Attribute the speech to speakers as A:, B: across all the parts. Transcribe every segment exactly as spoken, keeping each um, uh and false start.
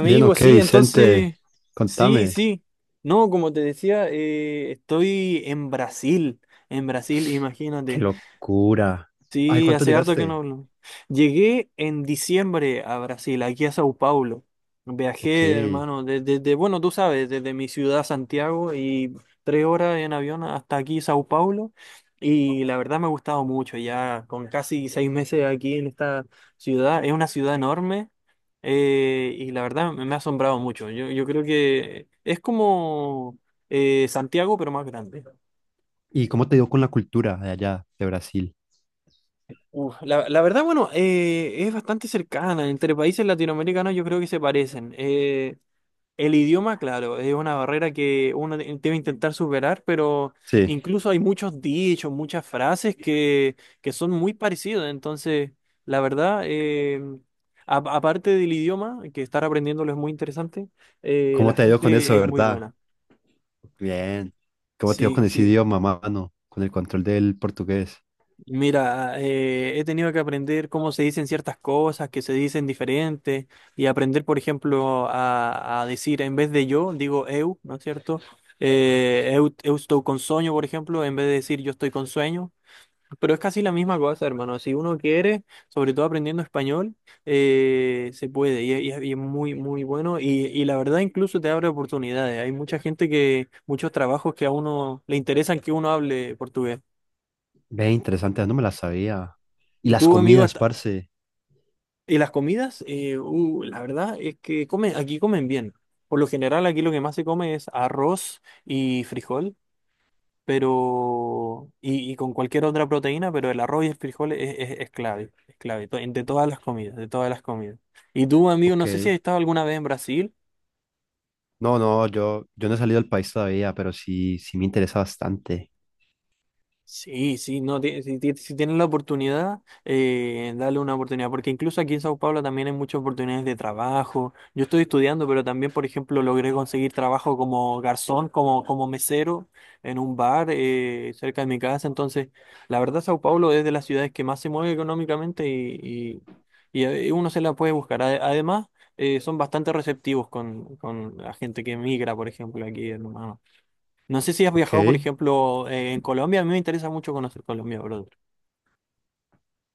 A: Bien, ok,
B: sí,
A: Vicente,
B: entonces, sí,
A: contame.
B: sí. No, como te decía, eh, estoy en Brasil, en Brasil,
A: Qué
B: imagínate.
A: locura. Ay,
B: Sí,
A: ¿cuánto
B: hace harto que no
A: llegaste?
B: hablo. Llegué en diciembre a Brasil, aquí a Sao Paulo.
A: Ok.
B: Viajé, hermano, desde, bueno, tú sabes, desde mi ciudad Santiago y tres horas en avión hasta aquí Sao Paulo. Y la verdad me ha gustado mucho, ya con casi seis meses aquí en esta ciudad. Es una ciudad enorme, eh, y la verdad me me ha asombrado mucho. Yo, yo creo que es como eh, Santiago, pero más grande.
A: ¿Y cómo te dio con la cultura de allá, de Brasil?
B: Uf, la, la verdad, bueno, eh, es bastante cercana. Entre países latinoamericanos yo creo que se parecen. Eh, el idioma, claro, es una barrera que uno de- debe intentar superar, pero
A: Sí.
B: incluso hay muchos dichos, muchas frases que, que son muy parecidas. Entonces, la verdad, eh, a- aparte del idioma, que estar aprendiéndolo es muy interesante, eh, la
A: ¿Cómo te ha ido con
B: gente
A: eso,
B: es muy
A: verdad?
B: buena.
A: Bien. ¿Cómo te dio
B: Sí,
A: con ese
B: sí.
A: idioma, mano? Con el control del portugués.
B: Mira, eh, he tenido que aprender cómo se dicen ciertas cosas, que se dicen diferentes, y aprender, por ejemplo, a, a decir en vez de yo, digo eu, ¿no es cierto? Eh, eu, eu estou con sueño, por ejemplo, en vez de decir yo estoy con sueño. Pero es casi la misma cosa, hermano. Si uno quiere, sobre todo aprendiendo español, eh, se puede, y, y es y es muy, muy bueno. Y, y la verdad, incluso te abre oportunidades. Hay mucha gente que, muchos trabajos que a uno le interesan que uno hable portugués.
A: Ve, interesante, no me la sabía. Y las
B: ¿Tú, amigo, has...?
A: comidas, parce.
B: Y las comidas, eh, uh, la verdad es que comen, aquí comen bien. Por lo general, aquí lo que más se come es arroz y frijol, pero y, y con cualquier otra proteína, pero el arroz y el frijol es, es- es clave, es clave to- de todas las comidas, de todas las comidas. Y tú, amigo,
A: Ok.
B: no sé si has estado alguna vez en Brasil.
A: No, no, yo, yo no he salido del país todavía, pero sí, sí me interesa bastante.
B: Sí, sí, no, ti- si, ti- si tienen la oportunidad, eh, dale una oportunidad, porque incluso aquí en Sao Paulo también hay muchas oportunidades de trabajo. Yo estoy estudiando, pero también, por ejemplo, logré conseguir trabajo como garzón, como, como mesero en un bar, eh, cerca de mi casa. Entonces, la verdad, Sao Paulo es de las ciudades que más se mueve económicamente y, y, y, eh, uno se la puede buscar. Ade- Además, eh, son bastante receptivos con, con la gente que migra, por ejemplo, aquí en Humano. No sé si has
A: Ok.
B: viajado, por ejemplo, eh, en Colombia. A mí me interesa mucho conocer Colombia, brother.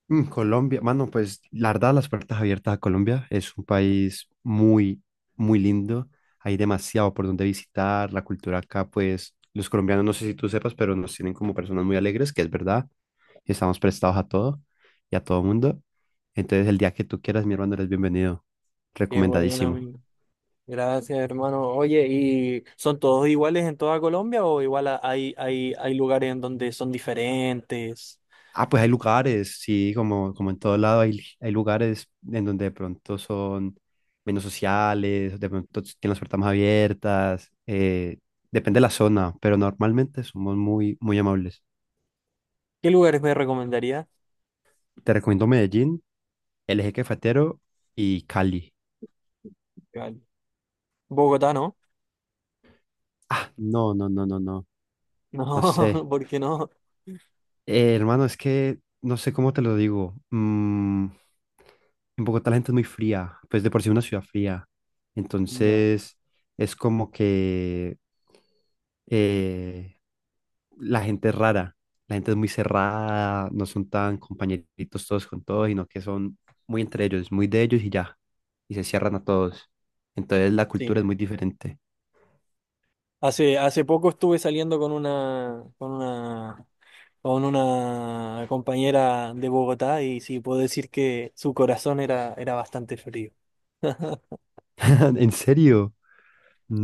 A: Mm, Colombia, mano, pues la verdad, las puertas abiertas a Colombia. Es un país muy, muy lindo. Hay demasiado por donde visitar. La cultura acá, pues los colombianos, no sé si tú sepas, pero nos tienen como personas muy alegres, que es verdad. Y estamos prestados a todo y a todo mundo. Entonces, el día que tú quieras, mi hermano, eres bienvenido.
B: Qué bueno,
A: Recomendadísimo.
B: amigo. Gracias, hermano. Oye, ¿y son todos iguales en toda Colombia o igual a- hay, hay, hay lugares en donde son diferentes?
A: Ah, pues hay lugares, sí, como, como en todo lado hay, hay lugares en donde de pronto son menos sociales, de pronto tienen las puertas más abiertas, eh, depende de la zona, pero normalmente somos muy, muy amables.
B: ¿Qué lugares me recomendaría?
A: Te recomiendo Medellín, El Eje Cafetero y Cali.
B: Vale. Bogotá, ¿no?
A: Ah, no, no, no, no, no, no
B: No,
A: sé.
B: ¿por qué no?
A: Eh, hermano, es que no sé cómo te lo digo. Mm, en Bogotá la gente es muy fría, pues de por sí es una ciudad fría.
B: Ya.
A: Entonces es como que eh, la gente es rara, la gente es muy cerrada, no son tan compañeritos todos con todos, sino que son muy entre ellos, muy de ellos y ya, y se cierran a todos. Entonces la
B: Sí.
A: cultura es muy diferente.
B: Hace, hace poco estuve saliendo con una, con una, con una compañera de Bogotá y sí, puedo decir que su corazón era, era bastante frío.
A: ¿En serio?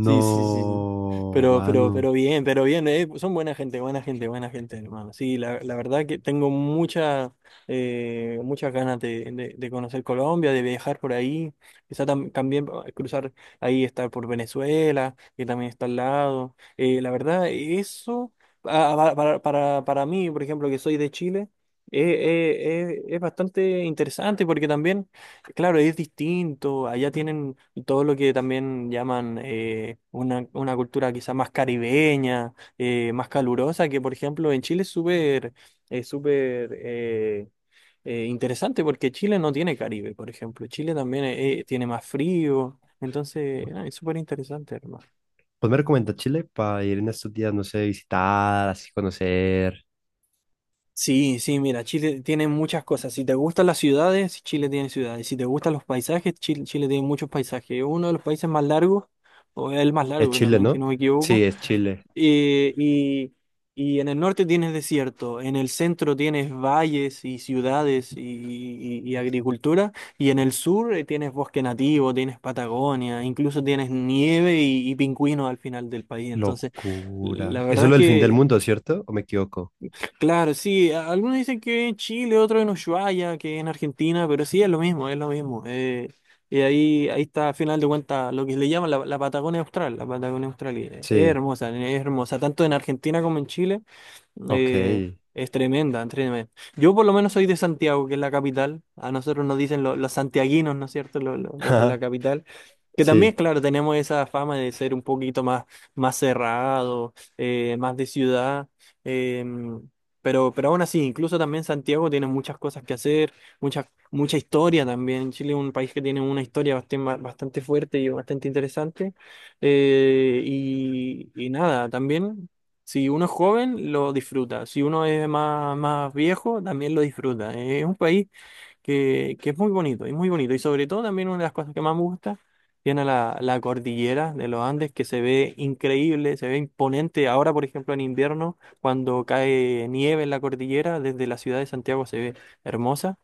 B: Sí, sí, sí, sí. Pero, pero,
A: mano.
B: pero bien, pero bien, eh, Son buena gente, buena gente, buena gente, hermano. Sí, la, la verdad que tengo mucha, eh, muchas ganas de, de- de conocer Colombia, de viajar por ahí. Quizá tam- también eh, cruzar ahí, estar por Venezuela, que también está al lado. Eh, la verdad, eso, ah, para, para, para, para mí, por ejemplo, que soy de Chile, eh, eh, eh, es bastante interesante porque también... Claro, es distinto. Allá tienen todo lo que también llaman eh, una, una cultura quizá más caribeña, eh, más calurosa, que por ejemplo en Chile es súper eh, súper eh, eh, interesante porque Chile no tiene Caribe, por ejemplo. Chile también eh, eh, tiene más frío. Entonces, ah, es súper interesante, hermano.
A: Pues me recomienda Chile para ir en estos días, no sé, visitar, así conocer.
B: Sí, sí, mira, Chile tiene muchas cosas. Si te gustan las ciudades, Chile tiene ciudades. Si te gustan los paisajes, Chile, Chile tiene muchos paisajes. Es uno de los países más largos, o es el más
A: Es
B: largo
A: Chile,
B: también, si
A: ¿no?
B: no me equivoco.
A: Sí, es Chile.
B: Eh, y, y en el norte tienes desierto, en el centro tienes valles y ciudades y, y- y agricultura, y en el sur eh, tienes bosque nativo, tienes Patagonia, incluso tienes nieve y, y pingüinos al final del país. Entonces, la
A: Locura. Eso
B: verdad
A: es
B: es
A: lo del fin del
B: que...
A: mundo, ¿cierto? ¿O me equivoco?
B: Claro, sí, a- algunos dicen que en Chile, otros en Ushuaia, que en Argentina, pero sí es lo mismo, es lo mismo. eh, y ahí, ahí está, al final de cuentas, lo que le llaman la, la Patagonia Austral, la Patagonia Austral, y es
A: Sí,
B: hermosa, es hermosa, tanto en Argentina como en Chile.
A: ok.
B: Eh, es tremenda, tremenda. Yo por lo menos soy de Santiago, que es la capital. A nosotros nos dicen lo- los santiaguinos, ¿no es cierto? Los, los- los de la
A: Ajá.
B: capital. Que también,
A: Sí,
B: claro, tenemos esa fama de ser un poquito más, más cerrado, eh, más de ciudad. eh, pero, pero aún así, incluso también Santiago tiene muchas cosas que hacer, mucha, mucha historia también. Chile es un país que tiene una historia bastante, bastante fuerte y bastante interesante. Eh, y, y nada, también. Si uno es joven, lo disfruta. Si uno es más, más viejo, también lo disfruta. Es un país que, que es muy bonito, es muy bonito. Y sobre todo también una de las cosas que más me gusta, tiene la, la cordillera de los Andes que se ve increíble, se ve imponente. Ahora, por ejemplo, en invierno, cuando cae nieve en la cordillera, desde la ciudad de Santiago se ve hermosa.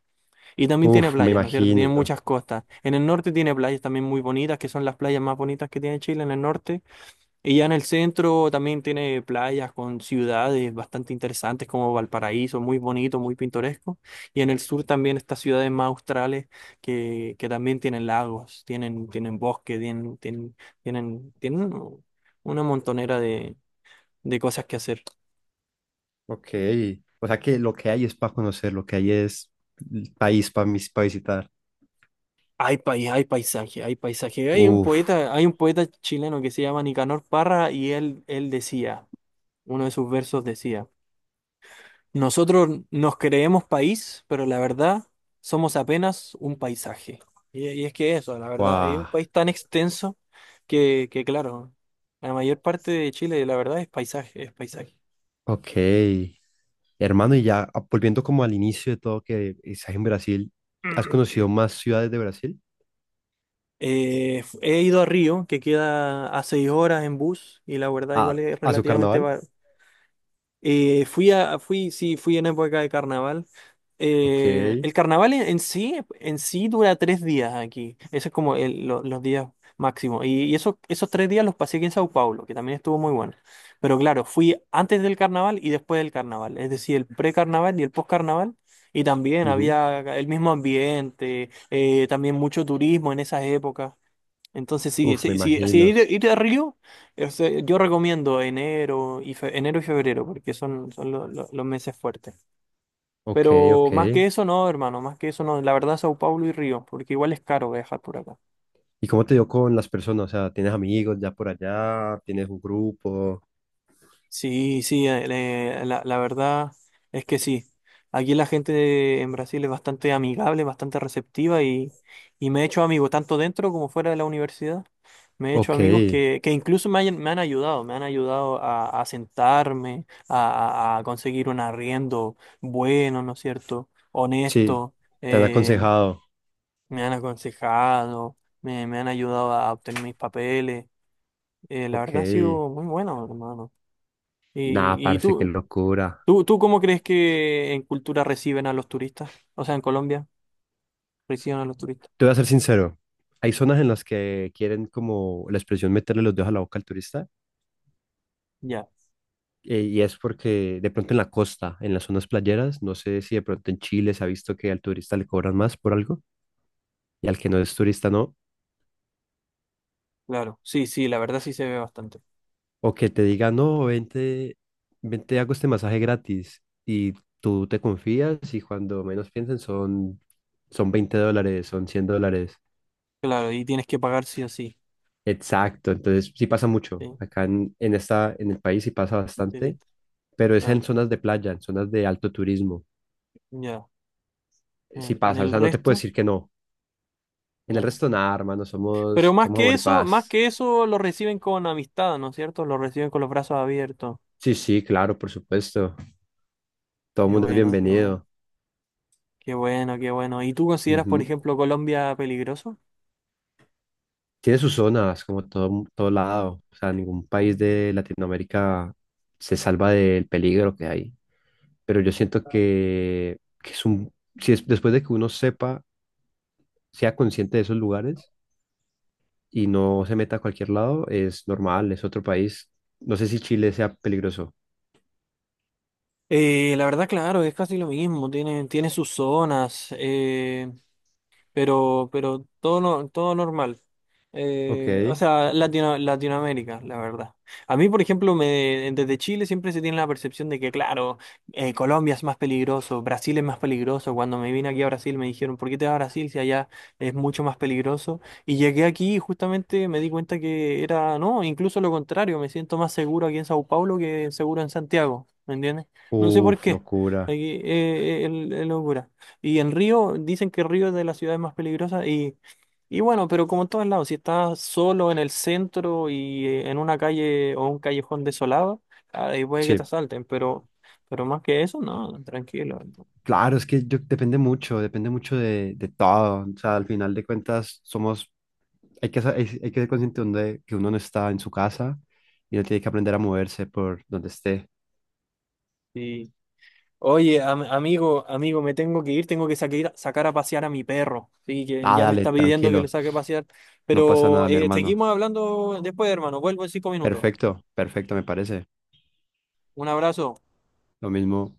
B: Y también tiene
A: uf, me
B: playas, ¿no es cierto? Tiene
A: imagino.
B: muchas costas. En el norte tiene playas también muy bonitas, que son las playas más bonitas que tiene Chile en el norte y ya en el centro también tiene playas con ciudades bastante interesantes como Valparaíso, muy bonito, muy pintoresco. Y en el sur también estas ciudades más australes que, que también tienen lagos, tienen, tienen bosque, tienen, tienen, tienen, tienen una montonera de, de cosas que hacer.
A: Ok. O sea que lo que hay es para conocer, lo que hay es el país para para visitar.
B: Hay país, hay paisaje, hay paisaje. Hay un
A: Uf,
B: poeta, hay un poeta chileno que se llama Nicanor Parra y él, él decía, uno de sus versos decía. Nosotros nos creemos país, pero la verdad somos apenas un paisaje. Y, y es que eso, la verdad, es un
A: wow.
B: país tan extenso que, que, claro, la mayor parte de Chile, la verdad, es paisaje, es paisaje.
A: Ok. Hermano, y ya ah, volviendo como al inicio de todo que estás en Brasil, ¿has conocido más ciudades de Brasil?
B: Eh, he ido a Río, que queda a seis horas en bus, y la verdad igual
A: A,
B: es
A: a su
B: relativamente
A: carnaval.
B: ba-. Eh, fui a, fui, sí, fui en época de carnaval.
A: Ok.
B: Eh, el carnaval en, en sí, en sí dura tres días aquí. Ese es como el- lo- los días máximos. Y, y esos, esos tres días los pasé aquí en Sao Paulo, que también estuvo muy bueno. Pero claro, fui antes del carnaval y después del carnaval. Es decir, el precarnaval y el postcarnaval. Y también
A: Ujú.
B: había el mismo ambiente, eh, también mucho turismo en esas épocas. Entonces sí,
A: Uf, me
B: sí, sí, sí,
A: imagino.
B: ir, ir a Río, o sea, yo recomiendo enero y fe- enero y febrero, porque son, son lo- lo- los meses fuertes.
A: Ok,
B: Pero
A: ok.
B: más que eso no, hermano, más que eso no, la verdad Sao Paulo y Río, porque igual es caro viajar por acá.
A: ¿Y cómo te dio con las personas? O sea, ¿tienes amigos ya por allá? ¿Tienes un grupo?
B: Sí, sí, eh, le- la, la verdad es que sí. Aquí la gente en Brasil es bastante amigable, bastante receptiva y, y me he hecho amigos, tanto dentro como fuera de la universidad. Me he hecho
A: Ok.
B: amigos que, que incluso me, hayan- me han ayudado, me han ayudado a, a sentarme, a, a- a conseguir un arriendo bueno, ¿no es cierto?
A: Sí,
B: Honesto.
A: te han
B: eh,
A: aconsejado.
B: me han aconsejado, me, me han ayudado a obtener mis papeles. Eh, la
A: Ok.
B: verdad ha sido muy bueno, hermano.
A: Nada,
B: ¿Y, y
A: parce, qué
B: tú?
A: locura.
B: ¿Tú, tú cómo crees que en cultura reciben a los turistas? O sea, en Colombia reciben a los turistas.
A: Te voy a ser sincero. Hay zonas en las que quieren, como la expresión, meterle los dedos a la boca al turista.
B: Ya,
A: Eh, y es porque de pronto en la costa, en las zonas playeras, no sé si de pronto en Chile se ha visto que al turista le cobran más por algo, y al que no es turista no.
B: claro. Sí, sí, la verdad sí se ve bastante.
A: O que te diga, no, vente, vente, hago este masaje gratis. Y tú te confías, y cuando menos piensen son, son veinte dólares, son cien dólares.
B: Claro, y tienes que pagar sí o sí.
A: Exacto, entonces sí pasa mucho.
B: Sí,
A: Acá en, en esta, en el país sí pasa bastante,
B: turista,
A: pero es en
B: claro.
A: zonas de playa, en zonas de alto turismo.
B: Ya.
A: Sí
B: En, en
A: pasa, o
B: el
A: sea, no te puedo
B: resto,
A: decir que no. En el
B: claro.
A: resto nada, hermano,
B: Pero
A: somos,
B: más
A: somos
B: que
A: amor y
B: eso, más
A: paz.
B: que eso lo reciben con amistad, ¿no es cierto? Lo reciben con los brazos abiertos.
A: Sí, sí, claro, por supuesto. Todo el
B: Qué
A: mundo es
B: bueno, qué bueno.
A: bienvenido.
B: Qué bueno, qué bueno. ¿Y tú consideras, por
A: Ujú.
B: ejemplo, Colombia peligroso?
A: Tiene sus zonas, como todo, todo lado. O sea, ningún país de Latinoamérica se salva del peligro que hay. Pero yo siento que, que es un, si es, después de que uno sepa, sea consciente de esos lugares y no se meta a cualquier lado, es normal, es otro país. No sé si Chile sea peligroso.
B: Eh, la verdad, claro, es casi lo mismo. Tiene, tiene sus zonas. pero, pero todo, no, todo normal.
A: Ok.
B: Eh, o sea, Latino- Latinoamérica, la verdad. A mí, por ejemplo, me, desde Chile siempre se tiene la percepción de que, claro, eh, Colombia es más peligroso, Brasil es más peligroso. Cuando me vine aquí a Brasil me dijeron, ¿por qué te vas a Brasil si allá es mucho más peligroso? Y llegué aquí y justamente me di cuenta que era, no, incluso lo contrario, me siento más seguro aquí en Sao Paulo que seguro en Santiago, ¿me entiendes? No sé por
A: Uf,
B: qué.
A: locura.
B: Aquí, eh, eh, es- es locura. Y en Río, dicen que Río es de las ciudades más peligrosas y, y bueno, pero como en todos lados, si estás solo en el centro y eh, en una calle o un callejón desolado, ahí puede que te
A: Sí.
B: asalten, pero, pero más que eso, no, tranquilo. No.
A: Claro, es que yo, depende mucho, depende mucho de, de todo. O sea, al final de cuentas somos, hay que, sa- hay, hay que ser consciente donde, que uno no está en su casa, y uno tiene que aprender a moverse por donde esté.
B: Sí. Oye, am- amigo, amigo, me tengo que ir, tengo que saque- sacar a pasear a mi perro, sí, que
A: Ah,
B: ya me
A: dale,
B: está pidiendo que le
A: tranquilo,
B: saque a pasear,
A: no pasa
B: pero
A: nada, mi
B: eh,
A: hermano.
B: seguimos hablando después, hermano, vuelvo en cinco minutos.
A: Perfecto, perfecto, me parece.
B: Un abrazo.
A: Lo mismo.